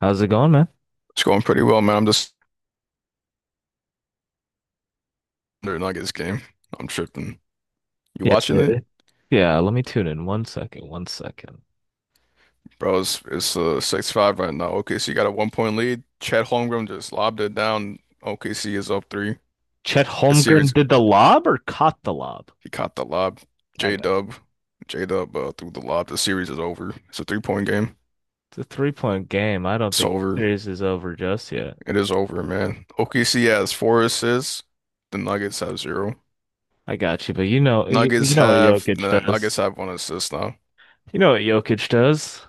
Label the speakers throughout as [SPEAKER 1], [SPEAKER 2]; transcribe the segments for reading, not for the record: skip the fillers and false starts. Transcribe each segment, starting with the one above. [SPEAKER 1] How's it going, man?
[SPEAKER 2] It's going pretty well, man. I'm just under Nuggets game. I'm tripping. You
[SPEAKER 1] Yes,
[SPEAKER 2] watching it?
[SPEAKER 1] it- yeah, let me tune in. 1 second. 1 second.
[SPEAKER 2] Bro, it's 6-5 right now. OKC got a 1 point lead. Chet Holmgren just lobbed it down. OKC is up three.
[SPEAKER 1] Chet
[SPEAKER 2] The
[SPEAKER 1] Holmgren
[SPEAKER 2] series
[SPEAKER 1] did the lob or caught the lob?
[SPEAKER 2] He caught the lob.
[SPEAKER 1] I
[SPEAKER 2] J
[SPEAKER 1] guess
[SPEAKER 2] Dub. J Dub threw the lob. The series is over. It's a 3 point game.
[SPEAKER 1] it's a three-point game. I don't
[SPEAKER 2] It's
[SPEAKER 1] think
[SPEAKER 2] over.
[SPEAKER 1] series is over just yet.
[SPEAKER 2] It is over, man. OKC has four assists. The Nuggets have zero.
[SPEAKER 1] I got you, but you know, you
[SPEAKER 2] Nuggets
[SPEAKER 1] know what
[SPEAKER 2] have
[SPEAKER 1] Jokic
[SPEAKER 2] the Nuggets
[SPEAKER 1] does.
[SPEAKER 2] have one assist now.
[SPEAKER 1] You know what Jokic does.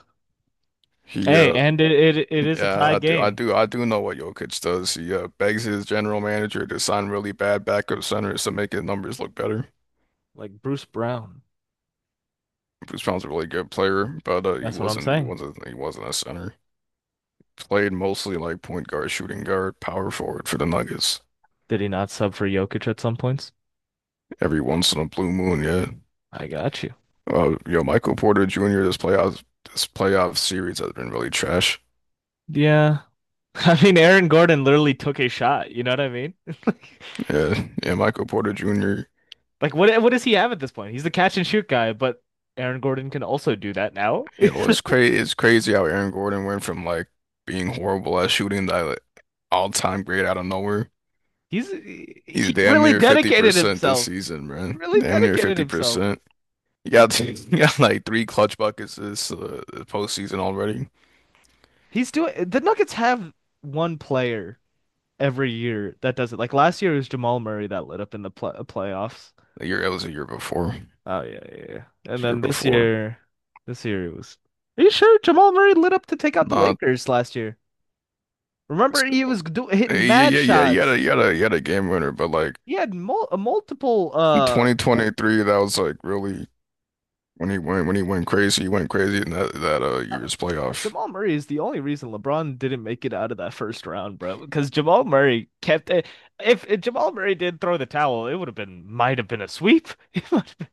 [SPEAKER 2] He
[SPEAKER 1] Hey, and it is a
[SPEAKER 2] Yeah,
[SPEAKER 1] tie
[SPEAKER 2] I do. I
[SPEAKER 1] game.
[SPEAKER 2] do. I do know what Jokic does. He begs his general manager to sign really bad backup centers to make his numbers look better.
[SPEAKER 1] Like Bruce Brown.
[SPEAKER 2] Bruce Brown's a really good player, but uh, he
[SPEAKER 1] That's what I'm
[SPEAKER 2] wasn't. He
[SPEAKER 1] saying.
[SPEAKER 2] wasn't. he wasn't a center. Played mostly like point guard, shooting guard, power forward for the Nuggets.
[SPEAKER 1] Did he not sub for Jokic at some points?
[SPEAKER 2] Every once in a blue moon, yeah.
[SPEAKER 1] I got you.
[SPEAKER 2] Yo, Michael Porter Jr. This playoff series has been really trash.
[SPEAKER 1] Yeah. I mean, Aaron Gordon literally took a shot. You know what I mean?
[SPEAKER 2] Yeah, yeah. Michael Porter Jr.
[SPEAKER 1] Like what does he have at this point? He's the catch and shoot guy, but Aaron Gordon can also do that now.
[SPEAKER 2] You know, it's crazy how Aaron Gordon went from like being horrible at shooting that all-time great out of nowhere.
[SPEAKER 1] He's
[SPEAKER 2] He's
[SPEAKER 1] he
[SPEAKER 2] damn
[SPEAKER 1] really
[SPEAKER 2] near
[SPEAKER 1] dedicated
[SPEAKER 2] 50% this
[SPEAKER 1] himself.
[SPEAKER 2] season,
[SPEAKER 1] He
[SPEAKER 2] man.
[SPEAKER 1] really
[SPEAKER 2] Damn near
[SPEAKER 1] dedicated himself.
[SPEAKER 2] 50%. You got, you got like three clutch buckets this postseason already.
[SPEAKER 1] He's doing the Nuggets have one player every year that does it. Like last year it was Jamal Murray that lit up in the pl playoffs.
[SPEAKER 2] The year it was a year before.
[SPEAKER 1] Oh yeah, yeah, yeah. And
[SPEAKER 2] Year
[SPEAKER 1] then
[SPEAKER 2] before.
[SPEAKER 1] this year it was. Are you sure Jamal Murray lit up to take out the
[SPEAKER 2] Not
[SPEAKER 1] Lakers last year? Remember he was do hitting
[SPEAKER 2] hey, yeah,
[SPEAKER 1] mad
[SPEAKER 2] yeah, yeah.
[SPEAKER 1] shots.
[SPEAKER 2] You had a game winner, but like
[SPEAKER 1] He had multiple
[SPEAKER 2] in 2023, that was like really when he went crazy. He went crazy in that
[SPEAKER 1] No.
[SPEAKER 2] year's playoff.
[SPEAKER 1] Jamal Murray is the only reason LeBron didn't make it out of that first round, bro, because Jamal Murray kept it. If Jamal Murray did throw the towel, it would have been, might have been a sweep. It might have been-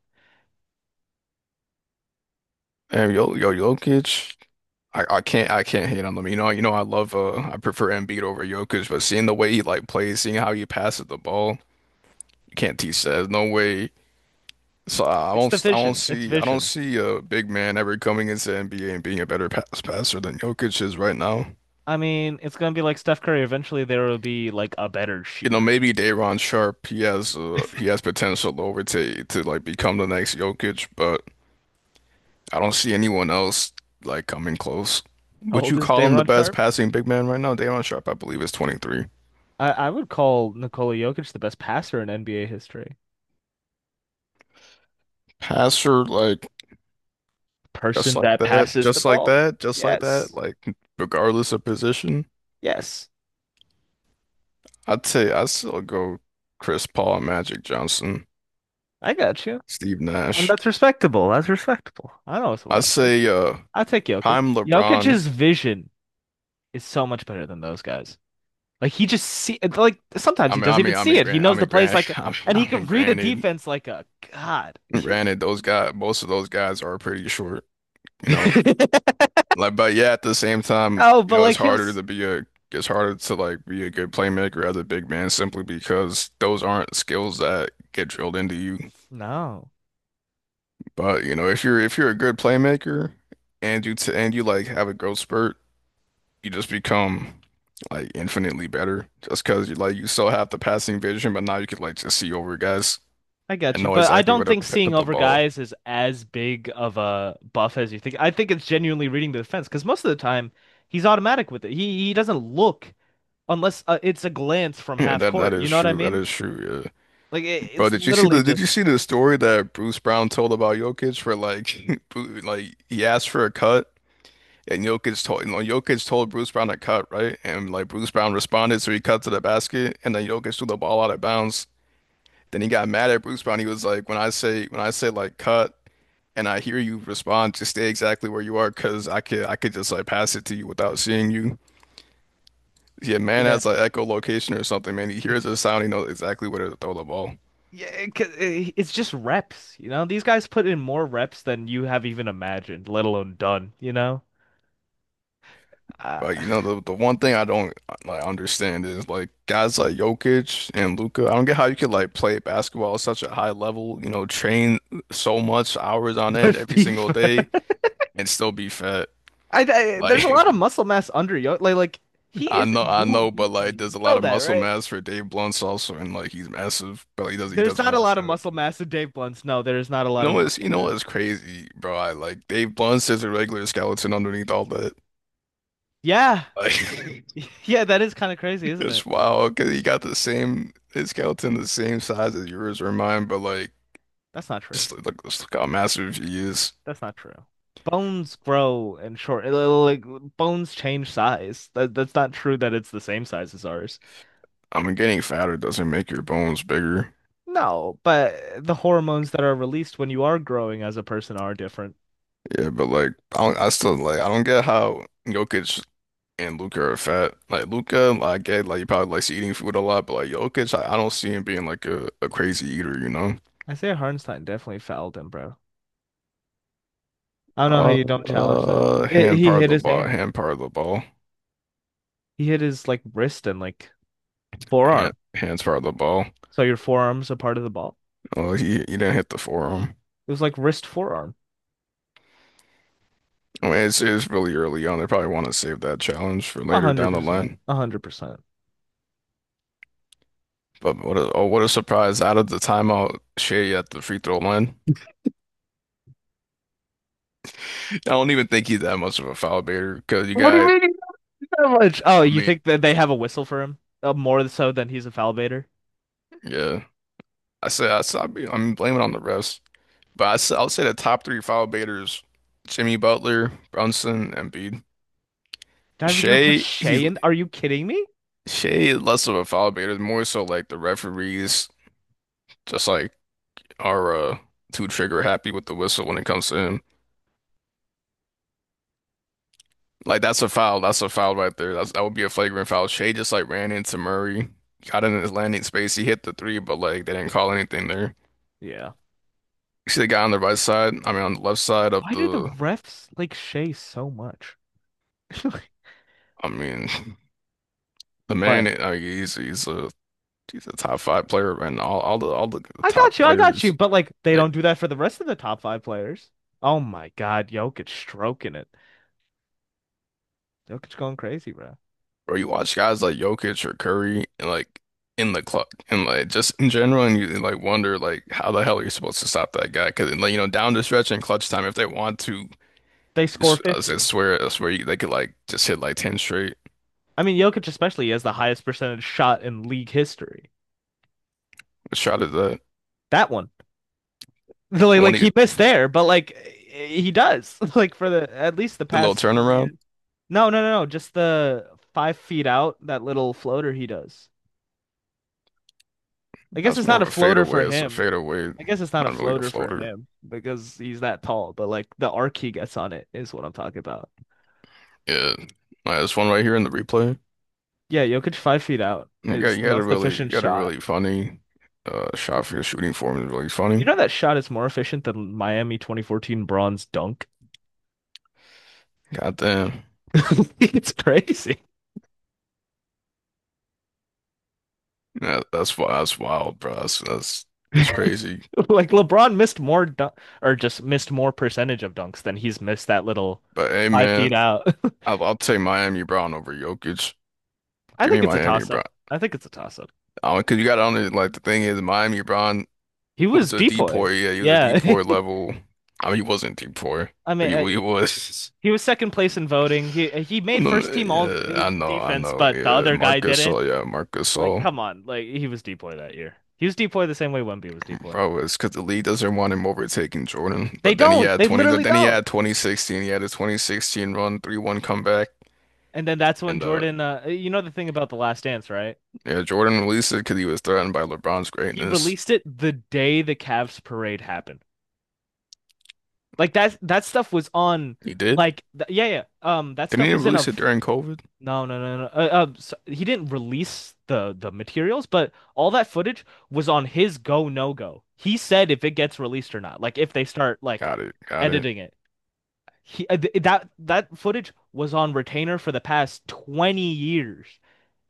[SPEAKER 2] Damn, yo, yo, Jokic. I can't hate on them. You know I love I prefer Embiid over Jokic, but seeing the way he like plays, seeing how he passes the ball, you can't teach that. There's no way. So I
[SPEAKER 1] It's the
[SPEAKER 2] don't I don't
[SPEAKER 1] vision. It's
[SPEAKER 2] see I don't
[SPEAKER 1] vision.
[SPEAKER 2] see a big man ever coming into NBA and being a better passer than Jokic is right now.
[SPEAKER 1] I mean, it's gonna be like Steph Curry. Eventually, there will be like a better
[SPEAKER 2] You know,
[SPEAKER 1] shooter.
[SPEAKER 2] maybe Daron Sharp, he has potential over to like become the next Jokic, but I don't see anyone else like coming close.
[SPEAKER 1] How
[SPEAKER 2] Would
[SPEAKER 1] old
[SPEAKER 2] you
[SPEAKER 1] is
[SPEAKER 2] call him the
[SPEAKER 1] Daron
[SPEAKER 2] best
[SPEAKER 1] Sharp?
[SPEAKER 2] passing big man right now? Daron Sharp, I believe, is 23.
[SPEAKER 1] I would call Nikola Jokic the best passer in NBA history.
[SPEAKER 2] Passer, like just
[SPEAKER 1] Person
[SPEAKER 2] like
[SPEAKER 1] that
[SPEAKER 2] that,
[SPEAKER 1] passes the ball. Yes.
[SPEAKER 2] like regardless of position,
[SPEAKER 1] Yes.
[SPEAKER 2] I'd still go Chris Paul, Magic Johnson,
[SPEAKER 1] I got you.
[SPEAKER 2] Steve
[SPEAKER 1] And
[SPEAKER 2] Nash.
[SPEAKER 1] that's respectable. That's respectable. I know it's a
[SPEAKER 2] I'd
[SPEAKER 1] lot.
[SPEAKER 2] say
[SPEAKER 1] I'll take Jokic.
[SPEAKER 2] prime LeBron.
[SPEAKER 1] Jokic's vision is so much better than those guys. Like he just see like sometimes
[SPEAKER 2] I
[SPEAKER 1] he
[SPEAKER 2] mean, I
[SPEAKER 1] doesn't even
[SPEAKER 2] mean,
[SPEAKER 1] see it. He
[SPEAKER 2] I
[SPEAKER 1] knows the
[SPEAKER 2] mean,
[SPEAKER 1] plays
[SPEAKER 2] grant,
[SPEAKER 1] like, and he can read a defense like a god.
[SPEAKER 2] granted, those guys, most of those guys are pretty short, you know. Like, but yeah, at the same time,
[SPEAKER 1] Oh,
[SPEAKER 2] you
[SPEAKER 1] but
[SPEAKER 2] know,
[SPEAKER 1] like he'll s-
[SPEAKER 2] it's harder to like be a good playmaker as a big man simply because those aren't skills that get drilled into you.
[SPEAKER 1] No.
[SPEAKER 2] But you know, if you're a good playmaker and you t and you like have a growth spurt, you just become like infinitely better just because you like you still have the passing vision, but now you could like just see over guys
[SPEAKER 1] I got
[SPEAKER 2] and
[SPEAKER 1] you,
[SPEAKER 2] know
[SPEAKER 1] but I
[SPEAKER 2] exactly where
[SPEAKER 1] don't
[SPEAKER 2] to
[SPEAKER 1] think seeing
[SPEAKER 2] put the
[SPEAKER 1] over
[SPEAKER 2] ball.
[SPEAKER 1] guys is as big of a buff as you think. I think it's genuinely reading the defense because most of the time he's automatic with it. He doesn't look unless it's a glance from
[SPEAKER 2] Yeah,
[SPEAKER 1] half
[SPEAKER 2] that
[SPEAKER 1] court. You
[SPEAKER 2] is
[SPEAKER 1] know what I
[SPEAKER 2] true. That
[SPEAKER 1] mean?
[SPEAKER 2] is true. Yeah,
[SPEAKER 1] Like
[SPEAKER 2] bro.
[SPEAKER 1] it's literally
[SPEAKER 2] Did you see
[SPEAKER 1] just
[SPEAKER 2] the story that Bruce Brown told about Jokic for like, like he asked for a cut and Jokic told Bruce Brown to cut right and like Bruce Brown responded so he cut to the basket and then Jokic threw the ball out of bounds. Then he got mad at Bruce Brown. He was like, when I say like cut and I hear you respond, just stay exactly where you are because I could just like pass it to you without seeing you. Yeah, man
[SPEAKER 1] yeah.
[SPEAKER 2] has like echolocation or something, man. He hears the sound, he knows exactly where to throw the ball.
[SPEAKER 1] Yeah, it's just reps, you know? These guys put in more reps than you have even imagined, let alone done, you know? Uh,
[SPEAKER 2] But you know the one thing I don't like understand is like guys like Jokic and Luca. I don't get how you could like play basketball at such a high level, you know, train so much hours on
[SPEAKER 1] but
[SPEAKER 2] end every single day
[SPEAKER 1] FIFA,
[SPEAKER 2] and still be fat.
[SPEAKER 1] I, there's a
[SPEAKER 2] Like
[SPEAKER 1] lot of muscle mass under Yo. Like he isn't
[SPEAKER 2] I know,
[SPEAKER 1] moved
[SPEAKER 2] but
[SPEAKER 1] easily.
[SPEAKER 2] like, there's
[SPEAKER 1] You
[SPEAKER 2] a
[SPEAKER 1] know
[SPEAKER 2] lot of
[SPEAKER 1] that,
[SPEAKER 2] muscle
[SPEAKER 1] right?
[SPEAKER 2] mass for Dave Blunt's also, and like, he's massive, but he
[SPEAKER 1] There's
[SPEAKER 2] doesn't
[SPEAKER 1] not a
[SPEAKER 2] work
[SPEAKER 1] lot of
[SPEAKER 2] out.
[SPEAKER 1] muscle mass in Dave Blunt's. No, there is not a lot of muscle
[SPEAKER 2] You know
[SPEAKER 1] mass.
[SPEAKER 2] what's crazy, bro? I like Dave Blunt's just a regular skeleton underneath all that.
[SPEAKER 1] Yeah,
[SPEAKER 2] Like,
[SPEAKER 1] yeah, that is kind of crazy, isn't it?
[SPEAKER 2] it's wild because he got the same his skeleton, the same size as yours or mine, but like,
[SPEAKER 1] That's not true.
[SPEAKER 2] look, just look how massive he is.
[SPEAKER 1] That's not true. Bones grow and short, bones change size. That's not true that it's the same size as ours.
[SPEAKER 2] I mean, getting fatter doesn't make your bones bigger,
[SPEAKER 1] No, but the hormones that are released when you are growing as a person are different.
[SPEAKER 2] yeah, but like, I don't, I still like, I don't get how Jokic and Luka are fat. Like Luka, like, I get like he probably likes eating food a lot, but like Jokic, I don't see him being like a crazy eater, you know?
[SPEAKER 1] Isaiah Hartenstein definitely fouled him, bro. I don't know how
[SPEAKER 2] Uh,
[SPEAKER 1] you don't challenge that. It,
[SPEAKER 2] hand
[SPEAKER 1] he
[SPEAKER 2] part of
[SPEAKER 1] hit
[SPEAKER 2] the
[SPEAKER 1] his
[SPEAKER 2] ball,
[SPEAKER 1] hand.
[SPEAKER 2] hand part of the ball,
[SPEAKER 1] He hit his like wrist and like
[SPEAKER 2] hand,
[SPEAKER 1] forearm.
[SPEAKER 2] hands part of the ball.
[SPEAKER 1] So your forearm's a part of the ball.
[SPEAKER 2] Oh, he didn't hit the forearm.
[SPEAKER 1] It was like wrist forearm.
[SPEAKER 2] I mean, it's really early on. They probably want to save that challenge for
[SPEAKER 1] A
[SPEAKER 2] later
[SPEAKER 1] hundred
[SPEAKER 2] down the
[SPEAKER 1] percent.
[SPEAKER 2] line.
[SPEAKER 1] 100%.
[SPEAKER 2] But what a oh, what a surprise out of the timeout, Shea at the free throw line. I don't even think he's that much of a foul baiter because you
[SPEAKER 1] What do you
[SPEAKER 2] got.
[SPEAKER 1] mean he did that much? Oh,
[SPEAKER 2] I
[SPEAKER 1] you
[SPEAKER 2] mean,
[SPEAKER 1] think that they have a whistle for him? More so than he's a foul baiter?
[SPEAKER 2] yeah, I said I'd be, I'm blaming on the refs. But I'll say the top three foul baiters: Jimmy Butler, Brunson, Embiid.
[SPEAKER 1] Not even gonna put
[SPEAKER 2] Shea, he's
[SPEAKER 1] Shea in? Are you kidding me?
[SPEAKER 2] Shea is less of a foul baiter, more so like the referees just like are too trigger happy with the whistle when it comes to him. Like that's a foul. That's a foul right there. That's, that would be a flagrant foul. Shea just like ran into Murray, got in his landing space. He hit the three, but like they didn't call anything there.
[SPEAKER 1] Yeah.
[SPEAKER 2] You see the guy on the right side. I mean, on the left side of
[SPEAKER 1] Why do the
[SPEAKER 2] the.
[SPEAKER 1] refs like Shea so much?
[SPEAKER 2] I mean, the
[SPEAKER 1] What?
[SPEAKER 2] man. I mean, he's a He's a top five player, and all the top
[SPEAKER 1] I got you,
[SPEAKER 2] players,
[SPEAKER 1] but like they
[SPEAKER 2] like,
[SPEAKER 1] don't do that for the rest of the top five players. Oh my God, Jokic stroking it. Jokic going crazy, bro.
[SPEAKER 2] or you watch guys like Jokic or Curry, and like in the club, and like just in general, and you like wonder like how the hell are you supposed to stop that guy? Because like you know, down the stretch and clutch time, if they want to,
[SPEAKER 1] They score
[SPEAKER 2] just,
[SPEAKER 1] 50.
[SPEAKER 2] I swear, you, they could like just hit like ten straight.
[SPEAKER 1] I mean, Jokic especially has the highest percentage shot in league history.
[SPEAKER 2] The shot at
[SPEAKER 1] That one. Like,
[SPEAKER 2] the one
[SPEAKER 1] like
[SPEAKER 2] he
[SPEAKER 1] he missed there, but like he does. Like for the at least the
[SPEAKER 2] The little
[SPEAKER 1] past 20
[SPEAKER 2] turnaround,
[SPEAKER 1] years. No, no, no, no. Just the 5 feet out, that little floater he does. I guess
[SPEAKER 2] that's
[SPEAKER 1] it's
[SPEAKER 2] more
[SPEAKER 1] not
[SPEAKER 2] of
[SPEAKER 1] a
[SPEAKER 2] a
[SPEAKER 1] floater
[SPEAKER 2] fadeaway.
[SPEAKER 1] for
[SPEAKER 2] It's a
[SPEAKER 1] him.
[SPEAKER 2] fadeaway,
[SPEAKER 1] I guess it's not a
[SPEAKER 2] not really a
[SPEAKER 1] floater for
[SPEAKER 2] floater.
[SPEAKER 1] him because he's that tall, but like the arc he gets on it is what I'm talking about.
[SPEAKER 2] Yeah, like, this one right here in the replay.
[SPEAKER 1] Yeah, Jokic 5 feet out is the most
[SPEAKER 2] You
[SPEAKER 1] efficient
[SPEAKER 2] got a
[SPEAKER 1] shot.
[SPEAKER 2] really funny shot for your shooting form is really
[SPEAKER 1] You
[SPEAKER 2] funny.
[SPEAKER 1] know that shot is more efficient than Miami 2014 bronze dunk?
[SPEAKER 2] Goddamn.
[SPEAKER 1] It's crazy.
[SPEAKER 2] Yeah, that's wild, bro. That's crazy.
[SPEAKER 1] Like LeBron missed more dun or just missed more percentage of dunks than he's missed that little
[SPEAKER 2] But hey
[SPEAKER 1] five
[SPEAKER 2] man,
[SPEAKER 1] feet out.
[SPEAKER 2] I'll take Miami Brown over Jokic.
[SPEAKER 1] I
[SPEAKER 2] Give me
[SPEAKER 1] think it's a
[SPEAKER 2] Miami
[SPEAKER 1] toss up.
[SPEAKER 2] Brown.
[SPEAKER 1] I think it's a toss up.
[SPEAKER 2] 'Cause you got on it like the thing is Miami Brown
[SPEAKER 1] He was
[SPEAKER 2] was a
[SPEAKER 1] depoy.
[SPEAKER 2] deport, yeah, he was a
[SPEAKER 1] Yeah.
[SPEAKER 2] deport level. I mean he wasn't deport,
[SPEAKER 1] I
[SPEAKER 2] but
[SPEAKER 1] mean,
[SPEAKER 2] he
[SPEAKER 1] I,
[SPEAKER 2] was
[SPEAKER 1] he was second place in voting. He made first team all
[SPEAKER 2] yeah, I know, I
[SPEAKER 1] defense,
[SPEAKER 2] know.
[SPEAKER 1] but the
[SPEAKER 2] Yeah,
[SPEAKER 1] other guy
[SPEAKER 2] Marcus
[SPEAKER 1] didn't.
[SPEAKER 2] Gasol, yeah, Marcus
[SPEAKER 1] Like,
[SPEAKER 2] Gasol.
[SPEAKER 1] come on. Like he was depoy that year. He was depoy the same way Wemby was depoy.
[SPEAKER 2] Bro, it's because the league doesn't want him overtaking Jordan.
[SPEAKER 1] They
[SPEAKER 2] But then he
[SPEAKER 1] don't.
[SPEAKER 2] had
[SPEAKER 1] They
[SPEAKER 2] 20, But
[SPEAKER 1] literally
[SPEAKER 2] then he
[SPEAKER 1] don't.
[SPEAKER 2] had 2016. He had a 2016 run, 3-1 comeback.
[SPEAKER 1] And then that's when
[SPEAKER 2] And
[SPEAKER 1] Jordan, you know the thing about The Last Dance, right?
[SPEAKER 2] Yeah, Jordan released it because he was threatened by LeBron's
[SPEAKER 1] He
[SPEAKER 2] greatness.
[SPEAKER 1] released it the day the Cavs parade happened. Like that stuff was on
[SPEAKER 2] He did?
[SPEAKER 1] like th yeah, yeah. That
[SPEAKER 2] Didn't
[SPEAKER 1] stuff
[SPEAKER 2] he
[SPEAKER 1] was in a
[SPEAKER 2] release it during COVID?
[SPEAKER 1] no, he didn't release the materials, but all that footage was on his go no go. He said if it gets released or not, like if they start like
[SPEAKER 2] Got it, got it.
[SPEAKER 1] editing it. He th that that footage was on retainer for the past 20 years.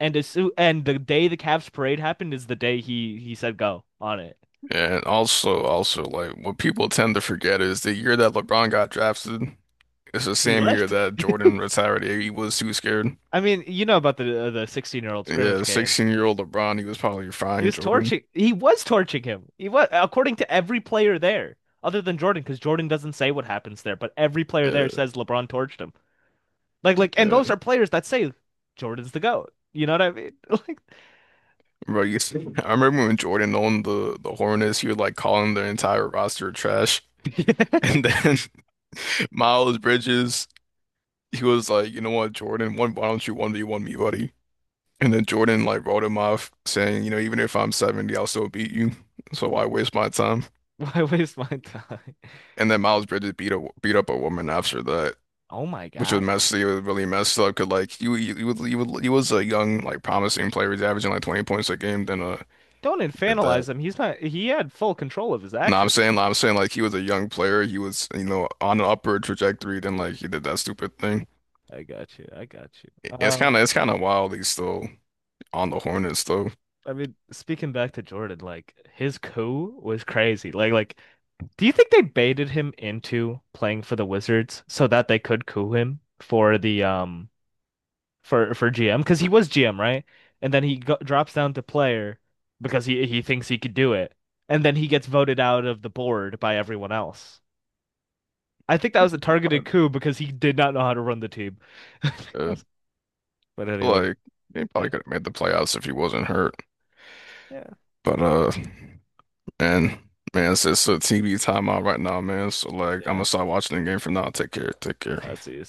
[SPEAKER 1] And the day the Cavs parade happened is the day he said go on it.
[SPEAKER 2] Yeah, and also, also, like, what people tend to forget is the year that LeBron got drafted, it's the
[SPEAKER 1] He
[SPEAKER 2] same year
[SPEAKER 1] left.
[SPEAKER 2] that Jordan retired. He was too scared.
[SPEAKER 1] I mean, you know about the 16-year-old
[SPEAKER 2] Yeah,
[SPEAKER 1] scrimmage game.
[SPEAKER 2] 16-year-old LeBron, he was probably frying Jordan.
[SPEAKER 1] He was torching him. He was, according to every player there other than Jordan because Jordan doesn't say what happens there, but every player there
[SPEAKER 2] Yeah,
[SPEAKER 1] says LeBron torched him. Like and
[SPEAKER 2] yeah.
[SPEAKER 1] those are players that say Jordan's the GOAT. You know what I mean? Like
[SPEAKER 2] Bro, you see, I remember when Jordan owned the Hornets, he was like calling their entire roster trash. And then Miles Bridges, he was like, you know what, Jordan, one, why don't you 1v1 me, buddy? And then Jordan like wrote him off saying, you know, even if I'm 70, I'll still beat you. So why waste my time?
[SPEAKER 1] why waste my time?
[SPEAKER 2] And then Miles Bridges beat a, beat up a woman after that,
[SPEAKER 1] Oh my
[SPEAKER 2] which was
[SPEAKER 1] God.
[SPEAKER 2] messy. It was really messed up because like you was- he was he was a young, like promising player. He's averaging like 20 points a game. Then
[SPEAKER 1] Don't
[SPEAKER 2] he did that.
[SPEAKER 1] infantilize him. He's not, he had full control of his
[SPEAKER 2] No,
[SPEAKER 1] actions.
[SPEAKER 2] I'm saying, like he was a young player. He was, you know, on an upward trajectory. Then, like he did that stupid thing.
[SPEAKER 1] I got you. I got you.
[SPEAKER 2] It's it's kind of wild. He's still on the Hornets, though.
[SPEAKER 1] I mean, speaking back to Jordan, like his coup was crazy. Do you think they baited him into playing for the Wizards so that they could coup him for the for GM? Because he was GM, right? And then he go drops down to player because he thinks he could do it, and then he gets voted out of the board by everyone else. I think that was a targeted
[SPEAKER 2] But,
[SPEAKER 1] coup because he did not know how to run the team.
[SPEAKER 2] I
[SPEAKER 1] But
[SPEAKER 2] feel
[SPEAKER 1] anyways,
[SPEAKER 2] like he
[SPEAKER 1] yeah.
[SPEAKER 2] probably could have made the playoffs if he wasn't hurt.
[SPEAKER 1] Yeah,
[SPEAKER 2] But, man, man, it's a TV timeout right now, man. So, like, I'm
[SPEAKER 1] yeah.
[SPEAKER 2] gonna start watching the game from now. Take care, take care.
[SPEAKER 1] That's it.